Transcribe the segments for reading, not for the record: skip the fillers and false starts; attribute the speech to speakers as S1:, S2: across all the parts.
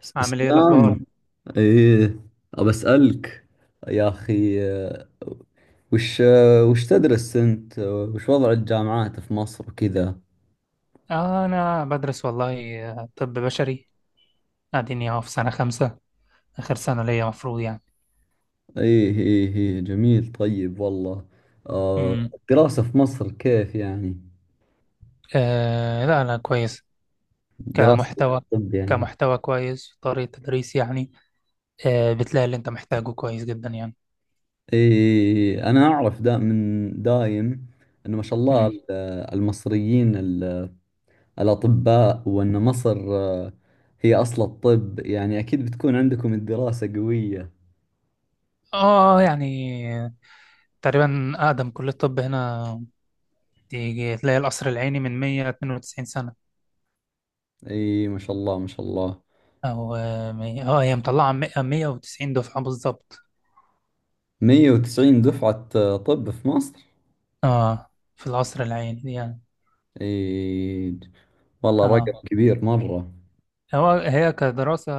S1: عامل ايه الاخبار؟
S2: اسلام. ايه، ابى اسالك يا اخي. وش تدرس انت؟ وش وضع الجامعات في مصر وكذا؟
S1: انا بدرس والله، طب بشري. قاعدين اهو في سنه خمسة، اخر سنه ليا مفروض يعني.
S2: ايه، ايه، ايه، جميل. طيب والله.
S1: امم
S2: الدراسة في مصر كيف يعني؟
S1: آه، لا، لا، كويس.
S2: دراسة
S1: كمحتوى
S2: الطب يعني.
S1: كمحتوى كويس، طريقه تدريس يعني. بتلاقي اللي انت محتاجه كويس جدا يعني.
S2: ايه، إيه، إيه. انا اعرف دا من دايم انه ما شاء الله
S1: امم
S2: المصريين الأطباء، وأن مصر هي أصل الطب يعني. أكيد بتكون عندكم الدراسة قوية.
S1: اه يعني تقريبا اقدم كليه طب هنا، تيجي تلاقي القصر العيني من 192 سنه.
S2: أي، ما شاء الله، ما شاء الله.
S1: او هي مطلعه 190 دفعه بالظبط.
S2: 190 دفعة، طب في مصر؟
S1: اه في القصر العيني يعني.
S2: أي، والله رقم
S1: اه
S2: كبير مرة.
S1: هو هي كدراسة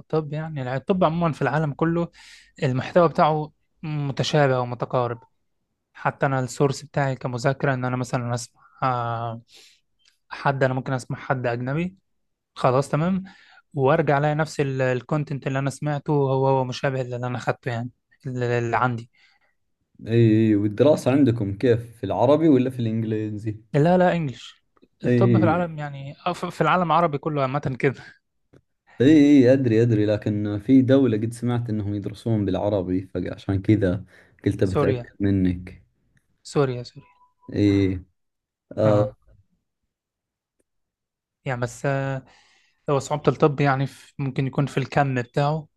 S1: طب يعني، الطب عموما في العالم كله المحتوى بتاعه متشابه ومتقارب. حتى أنا السورس بتاعي كمذاكرة إن أنا مثلا أسمع، أنا ممكن أسمع حد أجنبي. خلاص تمام. وأرجع ألاقي نفس الكونتنت اللي أنا سمعته، هو مشابه للي أنا أخدته يعني، اللي عندي.
S2: أي، والدراسة عندكم كيف، في العربي ولا في الإنجليزي؟
S1: لا، لا، إنجلش. الطب في
S2: أي،
S1: العالم يعني في العالم العربي كله عامة كده.
S2: أي، أي، أدري أدري، لكن في دولة قد سمعت أنهم يدرسون بالعربي فعشان كذا قلت بتأكد
S1: سوريا،
S2: منك.
S1: سوريا، سوريا.
S2: أي. آه،
S1: اه يعني بس هو صعوبة الطب يعني، ممكن يكون في الكم بتاعه.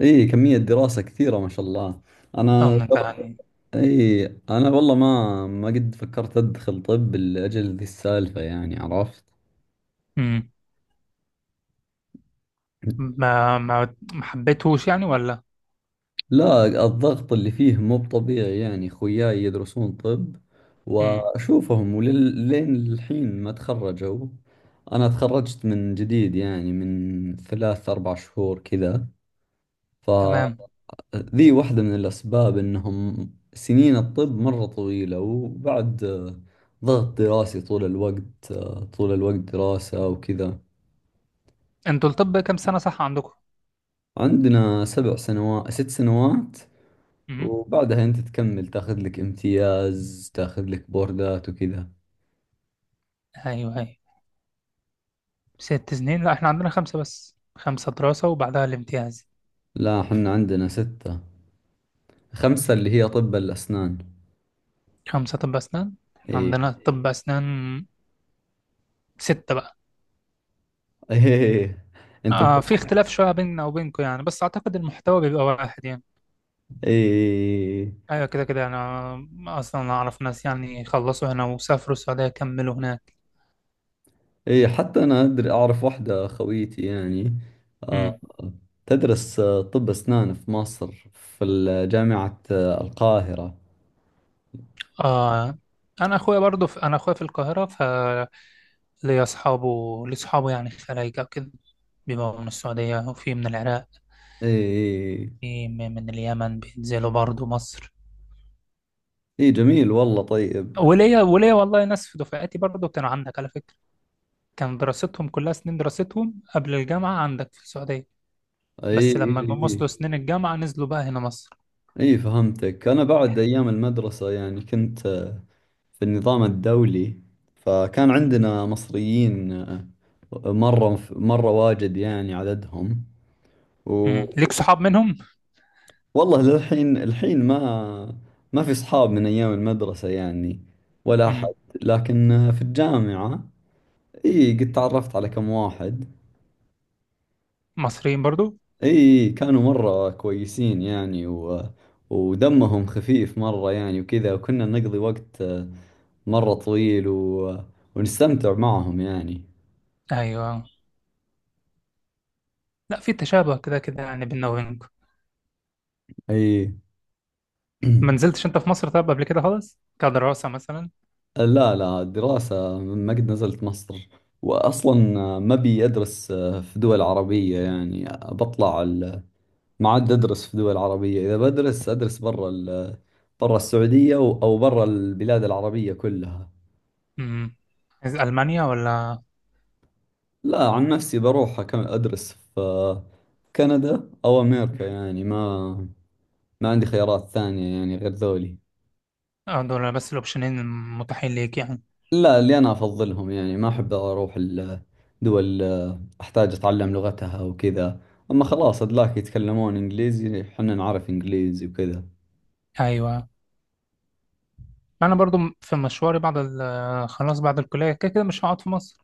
S2: اي، كمية دراسة كثيرة ما شاء الله.
S1: اه
S2: انا
S1: انت يعني.
S2: اي، انا والله ما قد فكرت ادخل طب لاجل ذي السالفة يعني. عرفت؟
S1: امم ما حبيتهوش يعني ولا.
S2: لا، الضغط اللي فيه مو بطبيعي يعني. خوياي يدرسون طب
S1: امم
S2: واشوفهم ولين الحين ما تخرجوا. انا تخرجت من جديد يعني، من ثلاث اربع شهور كذا. ف
S1: تمام.
S2: ذي واحدة من الأسباب إنهم: سنين الطب مرة طويلة، وبعد ضغط دراسي طول الوقت، طول الوقت دراسة وكذا.
S1: انتوا الطب كام سنة، صح عندكم؟
S2: عندنا سبع سنوات، ست سنوات،
S1: امم
S2: وبعدها أنت تكمل، تاخذ لك امتياز، تاخذ لك بوردات وكذا.
S1: ايوه، ايوه. ست سنين؟ لا، احنا عندنا خمسة، بس خمسة دراسة وبعدها الامتياز.
S2: لا، حنا عندنا ستة. خمسة اللي هي طب الأسنان.
S1: خمسة طب أسنان، إحنا
S2: إي.
S1: عندنا طب أسنان ستة بقى.
S2: إيه، أنتم.
S1: في اختلاف شوية بيننا وبينكم يعني، بس أعتقد المحتوى بيبقى واحد يعني.
S2: إي،
S1: أيوة، كده كده أنا أصلا أعرف ناس يعني خلصوا هنا وسافروا السعودية، كملوا هناك.
S2: إيه. حتى أنا أعرف واحدة خويتي يعني، آه تدرس طب أسنان في مصر في جامعة القاهرة.
S1: آه انا اخويا في القاهره، فليا اصحابه لي اصحابه يعني خلايجه كده، بيبقوا من السعوديه وفي من العراق.
S2: إيه، إيه،
S1: في من اليمن بينزلوا برضو مصر.
S2: إيه، جميل والله. طيب.
S1: وليا والله ناس في دفعتي برضو كانوا عندك على فكره، كان دراستهم كلها، سنين دراستهم قبل الجامعه عندك في السعوديه،
S2: إيه،
S1: بس
S2: إيه،
S1: لما جم وصلوا
S2: إيه،
S1: سنين الجامعه نزلوا بقى هنا مصر.
S2: إيه. فهمتك. أنا بعد أيام المدرسة يعني كنت في النظام الدولي، فكان
S1: مم.
S2: عندنا مصريين مرة مرة واجد يعني عددهم.
S1: مم. ليك صحاب منهم؟
S2: والله للحين الحين ما في اصحاب من ايام المدرسة يعني، ولا احد.
S1: مم.
S2: لكن في الجامعة، اي، قد تعرفت على كم واحد.
S1: مصريين برضو؟
S2: اي، كانوا مرة كويسين يعني، ودمهم خفيف مرة يعني وكذا. وكنا نقضي وقت مرة طويل ونستمتع معهم يعني.
S1: ايوه. لا، في تشابه كده كده يعني بيننا وبينكم.
S2: اي.
S1: ما نزلتش انت في مصر طب قبل كده خالص كدراسة مثلا؟
S2: لا، لا، الدراسة ما قد نزلت مصر. وأصلا ما بي أدرس في دول عربية يعني. بطلع، ما عاد أدرس في دول عربية، إذا بدرس أدرس برا برا السعودية أو برا البلاد العربية كلها.
S1: امم عايز ألمانيا ولا؟
S2: لا، عن نفسي بروح أكمل أدرس في كندا أو أمريكا يعني. ما عندي خيارات ثانية يعني غير ذولي.
S1: دول بس الأوبشنين المتاحين ليك يعني.
S2: لا، اللي أنا أفضلهم يعني. ما أحب أروح الدول أحتاج أتعلم لغتها وكذا، أما خلاص أدلاك يتكلمون إنجليزي حنا نعرف إنجليزي وكذا.
S1: أيوة، أنا برضو في مشواري بعد ال آه، خلاص بعد الكلية كده كده مش هقعد في مصر.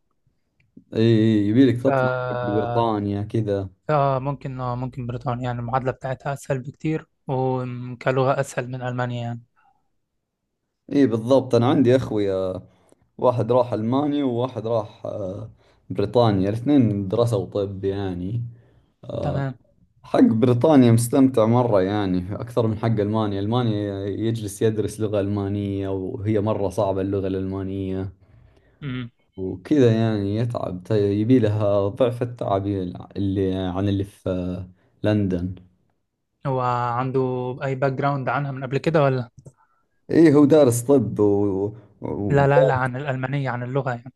S2: إي، إي، يبيلك
S1: ف
S2: تطلع حق بريطانيا كذا.
S1: ممكن بريطانيا، يعني المعادلة بتاعتها أسهل بكتير، وكلغة أسهل من ألمانيا يعني.
S2: اي، بالضبط. انا عندي اخوي، واحد راح ألمانيا وواحد راح بريطانيا. الاثنين درسوا طب يعني.
S1: تمام.
S2: حق بريطانيا مستمتع مرة يعني، أكثر من حق ألمانيا. ألمانيا يجلس يدرس لغة ألمانية، وهي مرة صعبة اللغة الألمانية
S1: امم
S2: وكذا يعني. يتعب، يبي لها ضعف التعب، اللي عن اللي في لندن.
S1: هو عنده أي باك جراوند عنها من قبل كده ولا؟
S2: إيه، هو دارس طب و... و...
S1: لا، لا، لا، عن الألمانية، عن اللغة يعني.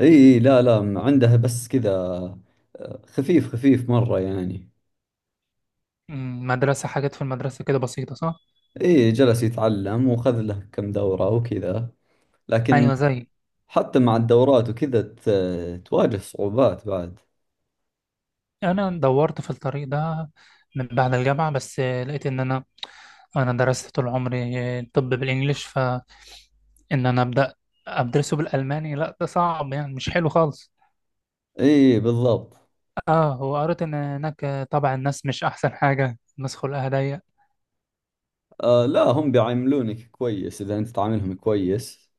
S2: إيه، إيه، لا، لا، عندها بس كذا خفيف خفيف مرة يعني.
S1: مدرسة حاجات في المدرسة كده بسيطة، صح؟
S2: إيه، جلس يتعلم وخذ له كم دورة وكذا. لكن
S1: أيوة، زي.
S2: حتى مع الدورات وكذا تواجه صعوبات بعد.
S1: انا دورت في الطريق ده من بعد الجامعه، بس لقيت ان انا درست طول عمري طب بالانجليش، فان انا ابدا ادرسه بالالماني؟ لا، ده صعب يعني، مش حلو خالص.
S2: إيه بالضبط.
S1: اه وقريت ان هناك طبع الناس مش احسن حاجه، الناس خلقها ضيق.
S2: لا، هم بيعاملونك كويس إذا أنت تعاملهم كويس.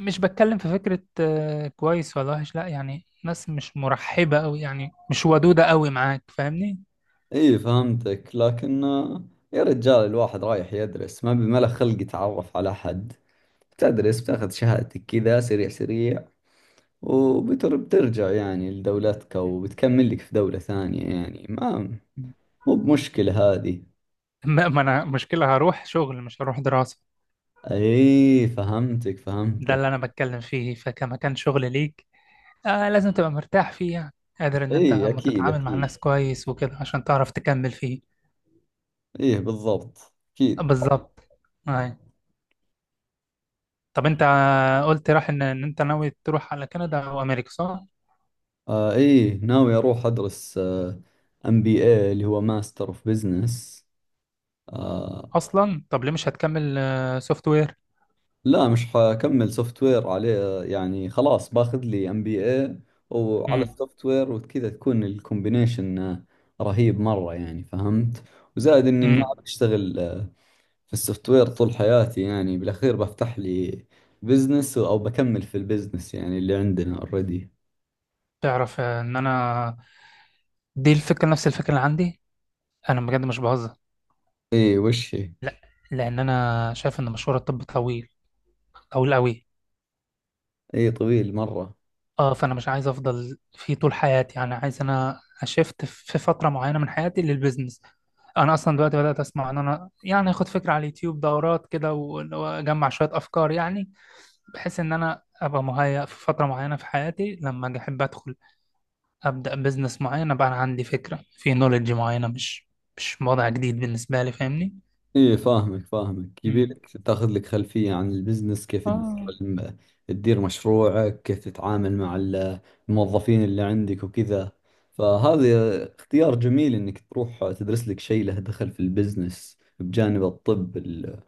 S1: مش بتكلم في فكره كويس ولا وحش، لا يعني ناس مش مرحبه قوي يعني، مش ودوده قوي معاك، فاهمني؟
S2: إيه فهمتك. لكن يا رجال، الواحد رايح يدرس ما بي، ما له خلق يتعرف على حد. تدرس، بتاخذ شهادتك كذا سريع سريع، وبترجع يعني لدولتك وبتكمل لك في دولة ثانية يعني. ما مو بمشكلة هذه.
S1: ما انا مشكله هروح شغل، مش هروح دراسه.
S2: ايه فهمتك
S1: ده اللي
S2: فهمتك.
S1: انا بتكلم فيه، فكمكان شغل ليك لازم تبقى مرتاح فيه يعني، قادر ان انت لما
S2: ايه اكيد
S1: تتعامل مع
S2: اكيد.
S1: الناس كويس وكده عشان تعرف تكمل فيه.
S2: ايه، بالضبط اكيد.
S1: بالظبط. آه. طب انت قلت راح ان انت ناوي تروح على كندا او امريكا، صح؟
S2: ايه، ناوي اروح ادرس MBA اللي هو ماستر اوف بزنس. آه
S1: اصلا طب ليه مش هتكمل سوفت وير؟
S2: لا، مش حكمل سوفت وير عليه يعني. خلاص باخذ لي MBA، وعلى
S1: امم
S2: السوفت وير وكذا تكون الكومبينيشن رهيب مرة يعني. فهمت؟ وزائد اني ما
S1: امم
S2: بشتغل في السوفت وير طول حياتي يعني. بالأخير بفتح لي بزنس أو بكمل في البزنس يعني اللي عندنا اوريدي.
S1: تعرف، ان انا دي الفكره، نفس الفكره اللي عندي. انا بجد مش بهزر.
S2: إيه، وش هي؟
S1: لا، لان انا شايف ان مشوار الطب طويل، طويل قوي.
S2: إيه، طويل مرة.
S1: اه فانا مش عايز افضل فيه طول حياتي يعني، عايز انا اشفت في فتره معينه من حياتي للبيزنس. انا اصلا دلوقتي بدات اسمع ان انا يعني اخد فكره على اليوتيوب، دورات كده واجمع شويه افكار يعني، بحيث ان انا ابقى مهيأ في فتره معينه في حياتي لما اجي احب ادخل، ابدا بيزنس معين، ابقى انا عندي فكره في نوليدج معينه، مش وضع جديد بالنسبه لي، فاهمني؟
S2: إيه، فاهمك فاهمك.
S1: مم.
S2: يبيلك تاخذ لك خلفية عن البزنس، كيف تدير
S1: اه.
S2: تدير مشروعك، كيف تتعامل مع الموظفين اللي عندك وكذا. فهذا اختيار جميل إنك تروح تدرس لك شيء له دخل في البزنس بجانب الطب اللي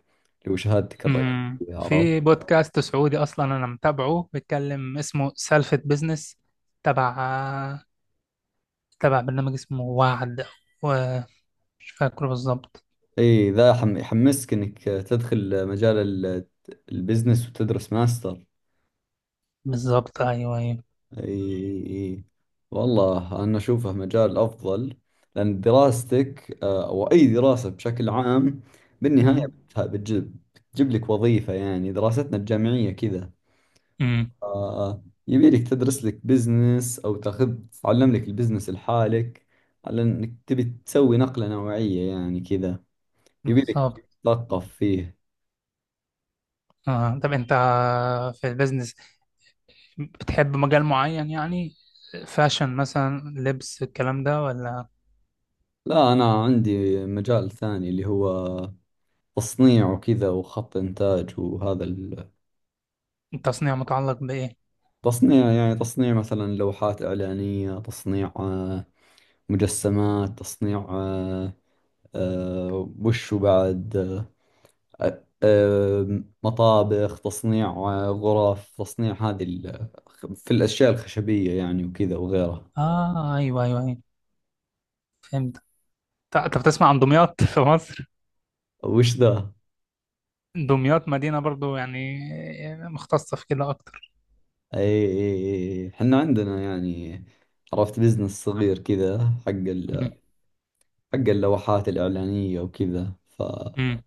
S2: هو شهادتك الرئيسية. عرفت؟
S1: في بودكاست سعودي اصلا انا متابعه بيتكلم، اسمه سالفة بزنس، تبع تبع برنامج اسمه وعد، ومش فاكره بالظبط.
S2: اي، ذا يحمسك انك تدخل مجال البزنس وتدرس ماستر.
S1: بالظبط، ايوه، ايوه.
S2: اي، اي، والله انا اشوفه مجال افضل. لان دراستك، او اي دراسة بشكل عام، بالنهاية
S1: امم
S2: بتجيب لك وظيفة يعني، دراستنا الجامعية كذا.
S1: امم
S2: يبي لك تدرس لك بزنس، او تعلم لك البزنس لحالك، على انك تبي تسوي نقلة نوعية يعني كذا. يبي لك
S1: بالظبط.
S2: تثقف فيه.
S1: آه. طب انت في البزنس بتحب مجال معين يعني، فاشن مثلا لبس، الكلام ده ولا؟
S2: لا، أنا عندي مجال ثاني اللي هو تصنيع وكذا، وخط إنتاج وهذا.
S1: التصنيع متعلق بايه؟
S2: التصنيع يعني تصنيع مثلا لوحات إعلانية، تصنيع مجسمات، تصنيع، وش بعد؟ مطابخ، تصنيع غرف تصنيع، هذه في الأشياء الخشبية يعني وكذا وغيرها.
S1: اه، ايوه، ايوه، ايوه، فهمت. طب تسمع عن دمياط في مصر؟
S2: وش ذا؟
S1: دمياط مدينة برضو يعني مختصة في كده أكتر.
S2: أي، أي. أي، حنا عندنا يعني. عرفت بزنس صغير كذا، حق
S1: مم.
S2: حق اللوحات الإعلانية وكذا. ف
S1: مم.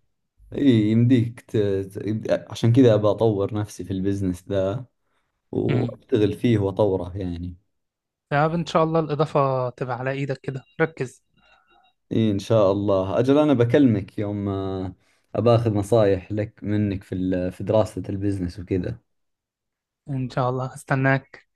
S2: إي، يمديك عشان كذا أبى أطور نفسي في البزنس ذا،
S1: مم.
S2: وأشتغل فيه وأطوره يعني.
S1: يا رب، إن شاء الله الإضافة تبقى على إيدك، كده ركز.
S2: إي إن شاء الله. أجل أنا بكلمك يوم، أبى أخذ نصايح لك منك في في دراسة البزنس وكذا
S1: إن شاء الله هستناك.